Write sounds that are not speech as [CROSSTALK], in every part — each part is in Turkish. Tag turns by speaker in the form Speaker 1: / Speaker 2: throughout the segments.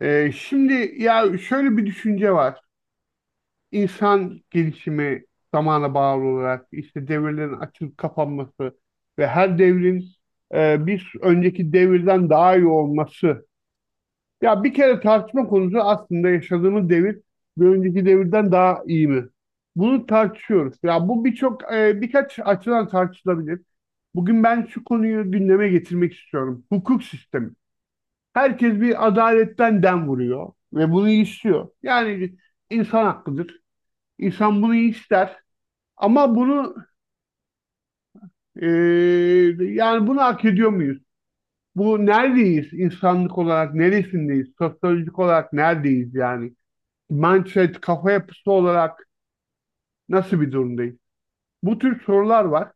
Speaker 1: Şimdi ya şöyle bir düşünce var. İnsan gelişimi zamana bağlı olarak işte devirlerin açılıp kapanması ve her devrin bir önceki devirden daha iyi olması. Ya bir kere tartışma konusu aslında yaşadığımız devir bir önceki devirden daha iyi mi? Bunu tartışıyoruz. Ya bu birçok birkaç açıdan tartışılabilir. Bugün ben şu konuyu gündeme getirmek istiyorum. Hukuk sistemi. Herkes bir adaletten dem vuruyor ve bunu istiyor. Yani insan hakkıdır. İnsan bunu ister. Ama bunu e, yani bunu hak ediyor muyuz? Bu neredeyiz? İnsanlık olarak neresindeyiz? Sosyolojik olarak neredeyiz yani? Mindset, kafa yapısı olarak nasıl bir durumdayız? Bu tür sorular var.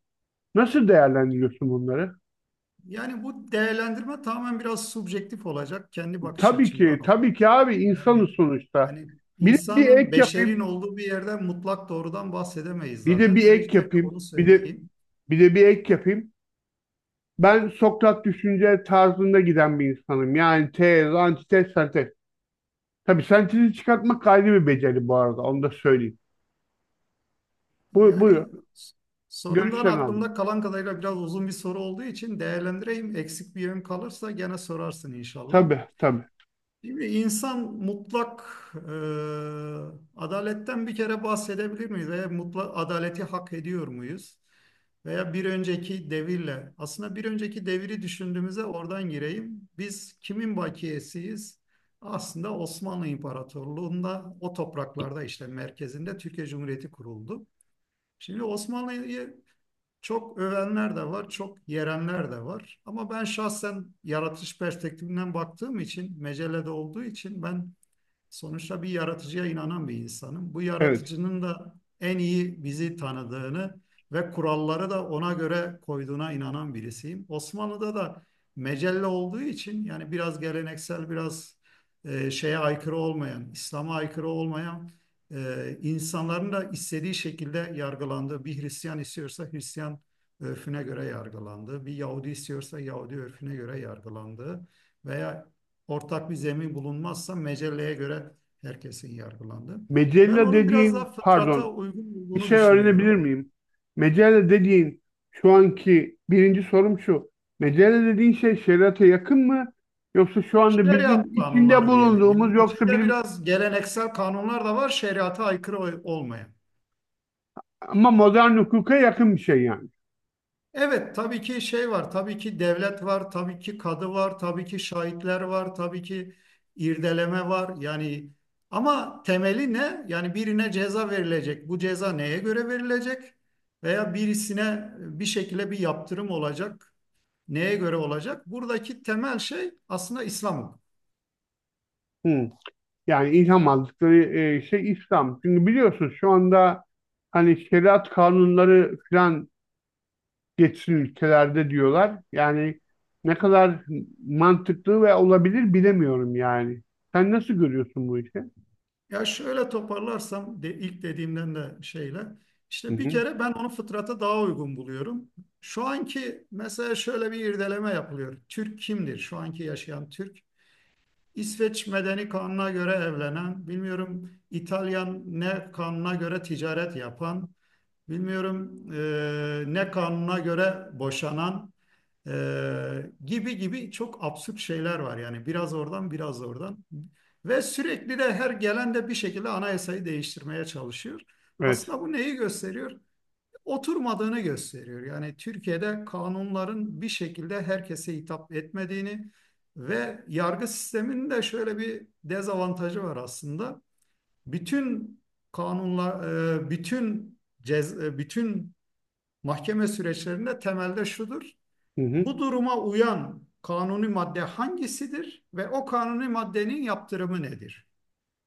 Speaker 1: Nasıl değerlendiriyorsun bunları?
Speaker 2: Yani bu değerlendirme tamamen biraz subjektif olacak. Kendi bakış
Speaker 1: Tabii
Speaker 2: açımdan
Speaker 1: ki,
Speaker 2: olacak.
Speaker 1: tabii ki abi
Speaker 2: Yani
Speaker 1: insanız sonuçta.
Speaker 2: yani
Speaker 1: Bir de bir
Speaker 2: insanın,
Speaker 1: ek
Speaker 2: beşerin
Speaker 1: yapayım.
Speaker 2: olduğu bir yerden mutlak doğrudan bahsedemeyiz
Speaker 1: Bir de bir
Speaker 2: zaten.
Speaker 1: ek
Speaker 2: Öncelikle
Speaker 1: yapayım.
Speaker 2: onu
Speaker 1: Bir de
Speaker 2: söyleyeyim.
Speaker 1: bir de bir ek yapayım. Ben Sokrat düşünce tarzında giden bir insanım. Yani tez, antitez, sentez. Tabii sentezi çıkartmak ayrı bir beceri bu arada. Onu da söyleyeyim. Bu,
Speaker 2: Yani
Speaker 1: buyur.
Speaker 2: s- sorumdan
Speaker 1: Görüşlerini aldım.
Speaker 2: aklımda kalan kadarıyla biraz uzun bir soru olduğu için değerlendireyim. Eksik bir yön kalırsa gene sorarsın inşallah.
Speaker 1: Tabii, tabii.
Speaker 2: Şimdi insan mutlak e, adaletten bir kere bahsedebilir miyiz? Veya mutlak adaleti hak ediyor muyuz? Veya bir önceki devirle, aslında bir önceki deviri düşündüğümüzde oradan gireyim. Biz kimin bakiyesiyiz? Aslında Osmanlı İmparatorluğu'nda o topraklarda işte merkezinde Türkiye Cumhuriyeti kuruldu. Şimdi Osmanlı'yı çok övenler de var, çok yerenler de var. Ama ben şahsen yaratış perspektifinden baktığım için, mecelede olduğu için ben. Sonuçta bir yaratıcıya inanan bir insanım. Bu
Speaker 1: Evet.
Speaker 2: yaratıcının da en iyi bizi tanıdığını ve kuralları da ona göre koyduğuna inanan birisiyim. Osmanlı'da da mecelle olduğu için yani biraz geleneksel, biraz şeye aykırı olmayan, İslam'a aykırı olmayan insanların da istediği şekilde yargılandığı, bir Hristiyan istiyorsa Hristiyan örfüne göre yargılandığı, bir Yahudi istiyorsa Yahudi örfüne göre yargılandığı veya ortak bir zemin bulunmazsa mecelleye göre herkesin yargılandığı. Ben
Speaker 1: Mecella
Speaker 2: onun biraz daha
Speaker 1: dediğin,
Speaker 2: fıtrata
Speaker 1: pardon,
Speaker 2: uygun
Speaker 1: bir
Speaker 2: olduğunu
Speaker 1: şey öğrenebilir
Speaker 2: düşünüyorum.
Speaker 1: miyim? Mecella dediğin şu anki birinci sorum şu. Mecella dediğin şey şeriata yakın mı? Yoksa şu anda
Speaker 2: Şeriat
Speaker 1: bizim içinde
Speaker 2: kanunları diyelim. Yani
Speaker 1: bulunduğumuz, yoksa
Speaker 2: içinde
Speaker 1: bizim
Speaker 2: biraz geleneksel kanunlar da var, şeriata aykırı olmayan.
Speaker 1: ama modern hukuka yakın bir şey yani.
Speaker 2: Evet, tabii ki şey var, tabii ki devlet var, tabii ki kadı var, tabii ki şahitler var, tabii ki irdeleme var. Yani ama temeli ne? Yani birine ceza verilecek. Bu ceza neye göre verilecek? Veya birisine bir şekilde bir yaptırım olacak. Neye göre olacak? Buradaki temel şey aslında İslam hukuku.
Speaker 1: Hı. Yani ilham aldıkları şey İslam. Çünkü biliyorsunuz şu anda hani şeriat kanunları falan geçsin ülkelerde diyorlar. Yani ne kadar mantıklı ve olabilir bilemiyorum yani. Sen nasıl görüyorsun bu işi?
Speaker 2: Ya şöyle toparlarsam de, ilk dediğimden de şeyle
Speaker 1: Hı
Speaker 2: işte bir
Speaker 1: hı.
Speaker 2: kere ben onu fıtrata daha uygun buluyorum. Şu anki mesela şöyle bir irdeleme yapılıyor. Türk kimdir? Şu anki yaşayan Türk. İsveç Medeni kanuna göre evlenen, bilmiyorum İtalyan ne kanuna göre ticaret yapan, bilmiyorum ne kanuna göre boşanan e, gibi gibi çok absürt şeyler var. Yani biraz oradan biraz oradan ve sürekli de her gelen de bir şekilde anayasayı değiştirmeye çalışıyor.
Speaker 1: Evet.
Speaker 2: Aslında bu neyi gösteriyor? Oturmadığını gösteriyor. Yani Türkiye'de kanunların bir şekilde herkese hitap etmediğini ve yargı sisteminin de şöyle bir dezavantajı var aslında. Bütün kanunlar, bütün mahkeme süreçlerinde temelde şudur.
Speaker 1: Hı hı.
Speaker 2: Bu duruma uyan kanuni madde hangisidir ve o kanuni maddenin yaptırımı nedir?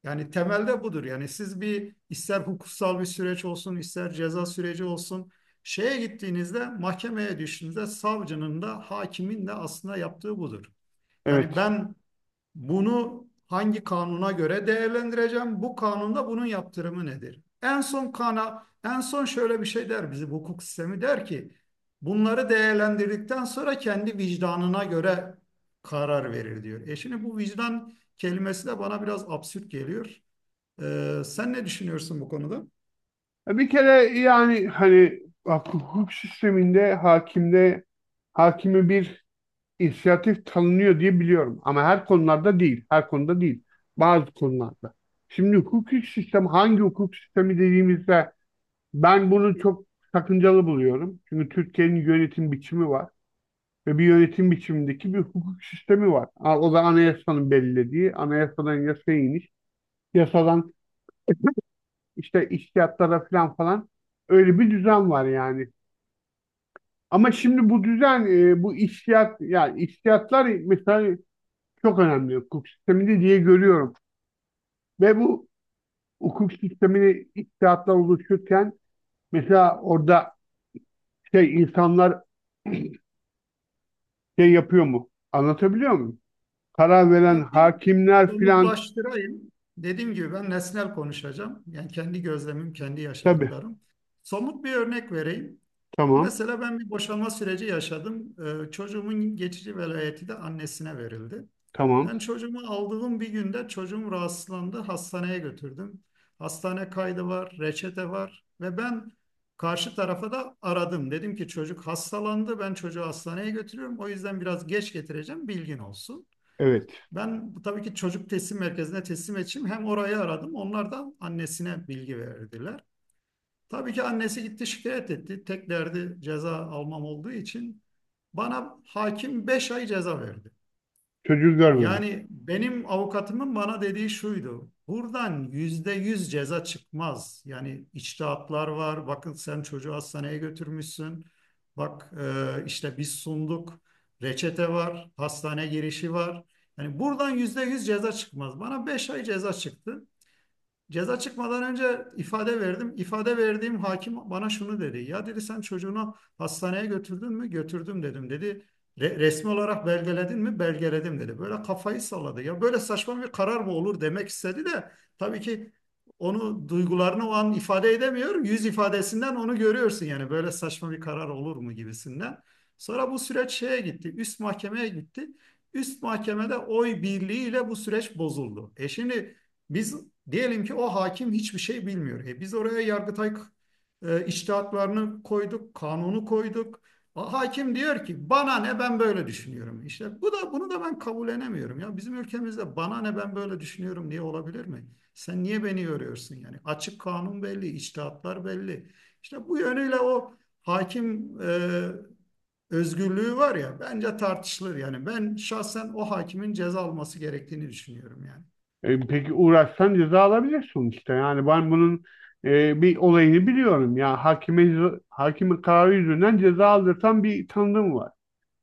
Speaker 2: Yani temelde budur. Yani siz bir ister hukuksal bir süreç olsun, ister ceza süreci olsun, şeye gittiğinizde, mahkemeye düştüğünüzde savcının da hakimin de aslında yaptığı budur. Yani
Speaker 1: Evet.
Speaker 2: ben bunu hangi kanuna göre değerlendireceğim? Bu kanunda bunun yaptırımı nedir? En son şöyle bir şey der bizim hukuk sistemi der ki, bunları değerlendirdikten sonra kendi vicdanına göre karar verir diyor. Şimdi bu vicdan kelimesi de bana biraz absürt geliyor. Sen ne düşünüyorsun bu konuda?
Speaker 1: Bir kere yani hani hukuk sisteminde hakimde hakimi bir inisiyatif tanınıyor diye biliyorum. Ama her konularda değil. Her konuda değil. Bazı konularda. Şimdi hukuki sistem hangi hukuk sistemi dediğimizde ben bunu çok sakıncalı buluyorum. Çünkü Türkiye'nin yönetim biçimi var. Ve bir yönetim biçimindeki bir hukuk sistemi var. O da anayasanın belirlediği, anayasadan yasaya iniş, yasadan [LAUGHS] işte içtihatlara falan falan, öyle bir düzen var yani. Ama şimdi bu düzen, bu içtihat, yani içtihatlar mesela çok önemli hukuk sisteminde diye görüyorum. Ve bu hukuk sistemini içtihatlar oluşurken mesela orada şey insanlar [CLEARS THROAT] şey yapıyor mu? Anlatabiliyor muyum? Karar veren
Speaker 2: Ya bir
Speaker 1: hakimler filan
Speaker 2: somutlaştırayım. Dediğim gibi ben nesnel konuşacağım. Yani kendi gözlemim, kendi
Speaker 1: tabii.
Speaker 2: yaşadıklarım. Somut bir örnek vereyim.
Speaker 1: Tamam.
Speaker 2: Mesela ben bir boşanma süreci yaşadım. Çocuğumun geçici velayeti de annesine verildi.
Speaker 1: Tamam.
Speaker 2: Ben çocuğumu aldığım bir günde çocuğum rahatsızlandı. Hastaneye götürdüm. Hastane kaydı var, reçete var ve ben karşı tarafa da aradım. Dedim ki çocuk hastalandı. Ben çocuğu hastaneye götürüyorum. O yüzden biraz geç getireceğim. Bilgin olsun.
Speaker 1: Evet.
Speaker 2: Ben tabii ki çocuk teslim merkezine teslim edeceğim. Hem orayı aradım. Onlar da annesine bilgi verdiler. Tabii ki annesi gitti şikayet etti. Tek derdi ceza almam olduğu için bana hakim 5 ay ceza verdi.
Speaker 1: Çocuğu görmeme.
Speaker 2: Yani benim avukatımın bana dediği şuydu. Buradan %100 ceza çıkmaz. Yani içtihatlar var. Bakın sen çocuğu hastaneye götürmüşsün. Bak işte biz sunduk. Reçete var. Hastane girişi var. Yani buradan %100 ceza çıkmaz. Bana 5 ay ceza çıktı. Ceza çıkmadan önce ifade verdim. İfade verdiğim hakim bana şunu dedi. Ya dedi sen çocuğunu hastaneye götürdün mü? Götürdüm dedim. Dedi Resmi olarak belgeledin mi? Belgeledim dedi. Böyle kafayı salladı. Ya böyle saçma bir karar mı olur demek istedi de tabii ki onu duygularını o an ifade edemiyor. Yüz ifadesinden onu görüyorsun yani böyle saçma bir karar olur mu gibisinden. Sonra bu süreç şeye gitti. Üst mahkemeye gitti. Üst mahkemede oy birliğiyle bu süreç bozuldu. Şimdi biz diyelim ki o hakim hiçbir şey bilmiyor. Biz oraya Yargıtay içtihatlarını koyduk, kanunu koyduk. O hakim diyor ki bana ne ben böyle düşünüyorum. İşte bu da bunu da ben kabullenemiyorum. Ya bizim ülkemizde bana ne ben böyle düşünüyorum diye olabilir mi? Sen niye beni yoruyorsun yani? Açık kanun belli, içtihatlar belli. İşte bu yönüyle o hakim özgürlüğü var ya bence tartışılır yani. Ben şahsen o hakimin ceza alması gerektiğini düşünüyorum yani.
Speaker 1: E, peki uğraşsan ceza alabilir sonuçta. Yani ben bunun bir olayını biliyorum. Ya hakime hakime kararı yüzünden ceza aldırtan bir tanıdığım var.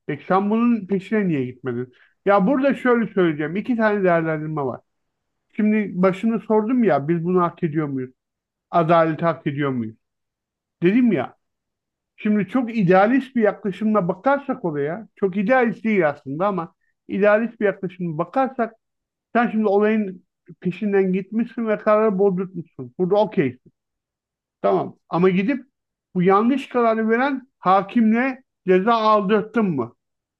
Speaker 1: Peki sen bunun peşine niye gitmedin? Ya burada şöyle söyleyeceğim. İki tane değerlendirme var. Şimdi başını sordum ya, biz bunu hak ediyor muyuz? Adaleti hak ediyor muyuz? Dedim ya. Şimdi çok idealist bir yaklaşımla bakarsak olaya, çok idealist değil aslında ama idealist bir yaklaşımla bakarsak sen şimdi olayın peşinden gitmişsin ve kararı bozdurtmuşsun. Burada okeysin. Tamam. Ama gidip bu yanlış kararı veren hakimle ceza aldırttın mı?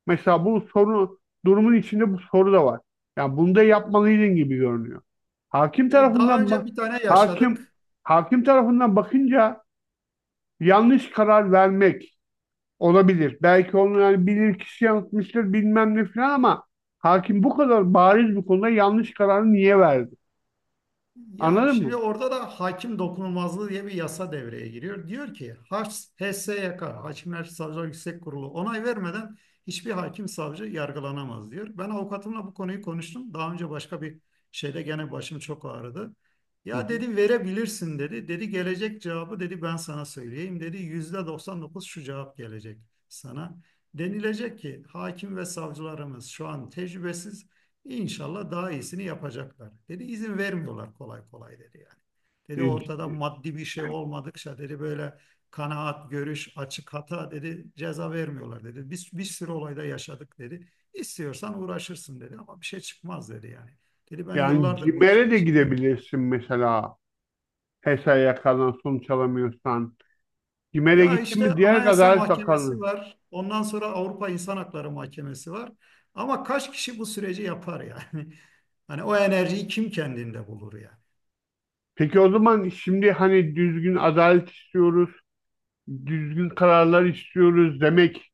Speaker 1: Mesela bu soru, durumun içinde bu soru da var. Yani bunu da yapmalıydın gibi görünüyor. Hakim
Speaker 2: Ya daha
Speaker 1: tarafından
Speaker 2: önce
Speaker 1: bak,
Speaker 2: bir tane
Speaker 1: hakim
Speaker 2: yaşadık.
Speaker 1: hakim tarafından bakınca yanlış karar vermek olabilir. Belki onu yani bilir kişi yanıltmıştır bilmem ne falan ama hakim bu kadar bariz bir konuda yanlış kararı niye verdi?
Speaker 2: Ya
Speaker 1: Anladın mı?
Speaker 2: şimdi orada da hakim dokunulmazlığı diye bir yasa devreye giriyor. Diyor ki HSYK, Hakimler Savcılar Yüksek Kurulu onay vermeden hiçbir hakim savcı yargılanamaz diyor. Ben avukatımla bu konuyu konuştum. Daha önce başka bir şeyde gene başım çok ağrıdı.
Speaker 1: Hı
Speaker 2: Ya
Speaker 1: hı.
Speaker 2: dedi verebilirsin dedi. Dedi gelecek cevabı dedi ben sana söyleyeyim dedi. %99 şu cevap gelecek sana. Denilecek ki hakim ve savcılarımız şu an tecrübesiz. İnşallah daha iyisini yapacaklar. Dedi izin vermiyorlar kolay kolay dedi yani.
Speaker 1: E,
Speaker 2: Dedi
Speaker 1: c-
Speaker 2: ortada maddi bir şey olmadıkça dedi böyle kanaat, görüş, açık hata dedi ceza vermiyorlar dedi. Biz bir sürü olayda yaşadık dedi. İstiyorsan uğraşırsın dedi ama bir şey çıkmaz dedi yani. Dedi ben
Speaker 1: Yani
Speaker 2: yıllardır bu işin
Speaker 1: CİMER'e de
Speaker 2: içindeyim.
Speaker 1: gidebilirsin mesela. HES'e yakalan sonuç alamıyorsan. CİMER'e
Speaker 2: Ya
Speaker 1: gittin
Speaker 2: işte
Speaker 1: mi diğer
Speaker 2: Anayasa
Speaker 1: Adalet Bakanı?
Speaker 2: Mahkemesi var. Ondan sonra Avrupa İnsan Hakları Mahkemesi var. Ama kaç kişi bu süreci yapar yani? [LAUGHS] Hani o enerjiyi kim kendinde bulur yani?
Speaker 1: Peki o zaman şimdi hani düzgün adalet istiyoruz, düzgün kararlar istiyoruz demek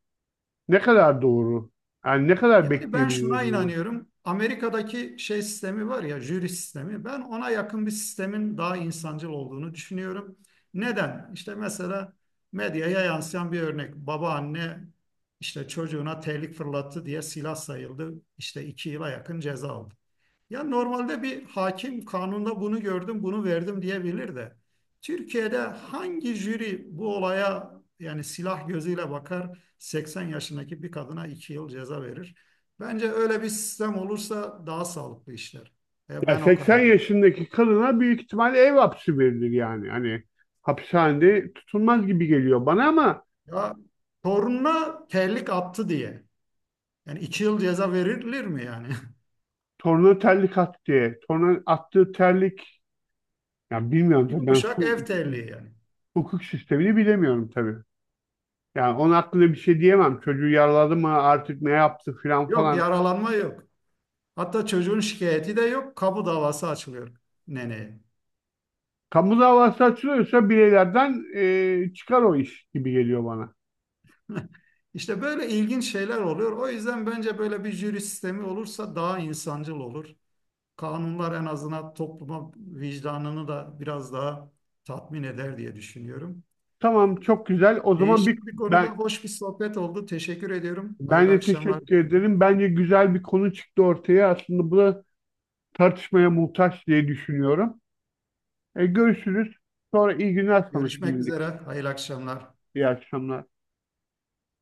Speaker 1: ne kadar doğru? Yani ne kadar
Speaker 2: Yani ben
Speaker 1: bekleyebiliriz
Speaker 2: şuna
Speaker 1: bunu?
Speaker 2: inanıyorum. Amerika'daki şey sistemi var ya, jüri sistemi. Ben ona yakın bir sistemin daha insancıl olduğunu düşünüyorum. Neden? İşte mesela medyaya yansıyan bir örnek. Babaanne işte çocuğuna terlik fırlattı diye silah sayıldı. İşte 2 yıla yakın ceza aldı. Ya normalde bir hakim kanunda bunu gördüm, bunu verdim diyebilir de. Türkiye'de hangi jüri bu olaya yani silah gözüyle bakar 80 yaşındaki bir kadına 2 yıl ceza verir? Bence öyle bir sistem olursa daha sağlıklı işler.
Speaker 1: Ya
Speaker 2: Ben o
Speaker 1: 80
Speaker 2: kanaatteyim.
Speaker 1: yaşındaki kadına büyük ihtimal ev hapsi verilir yani. Hani hapishanede tutulmaz gibi geliyor bana ama
Speaker 2: Ya torununa terlik attı diye. Yani 2 yıl ceza verilir mi yani?
Speaker 1: torna terlik attı diye. Torna attığı terlik, ya bilmiyorum
Speaker 2: [LAUGHS]
Speaker 1: tabii ben
Speaker 2: Yumuşak ev terliği yani.
Speaker 1: hukuk sistemini bilemiyorum tabii. Yani onun hakkında bir şey diyemem. Çocuğu yaraladı mı artık, ne yaptı filan
Speaker 2: Yok
Speaker 1: falan.
Speaker 2: yaralanma yok. Hatta çocuğun şikayeti de yok. Kamu davası açılıyor neneye.
Speaker 1: Kamu davası açılıyorsa bireylerden çıkar o iş gibi geliyor bana.
Speaker 2: [LAUGHS] İşte böyle ilginç şeyler oluyor. O yüzden bence böyle bir jüri sistemi olursa daha insancıl olur. Kanunlar en azından topluma vicdanını da biraz daha tatmin eder diye düşünüyorum.
Speaker 1: Tamam çok güzel. O zaman bir
Speaker 2: Değişik bir konuda
Speaker 1: ben,
Speaker 2: hoş bir sohbet oldu. Teşekkür ediyorum.
Speaker 1: ben
Speaker 2: Hayırlı
Speaker 1: de
Speaker 2: akşamlar
Speaker 1: teşekkür
Speaker 2: diliyorum.
Speaker 1: ederim. Bence güzel bir konu çıktı ortaya. Aslında bu da tartışmaya muhtaç diye düşünüyorum. Görüşürüz. Sonra iyi günler sana
Speaker 2: Görüşmek üzere.
Speaker 1: şimdilik.
Speaker 2: Hayırlı akşamlar.
Speaker 1: İyi akşamlar.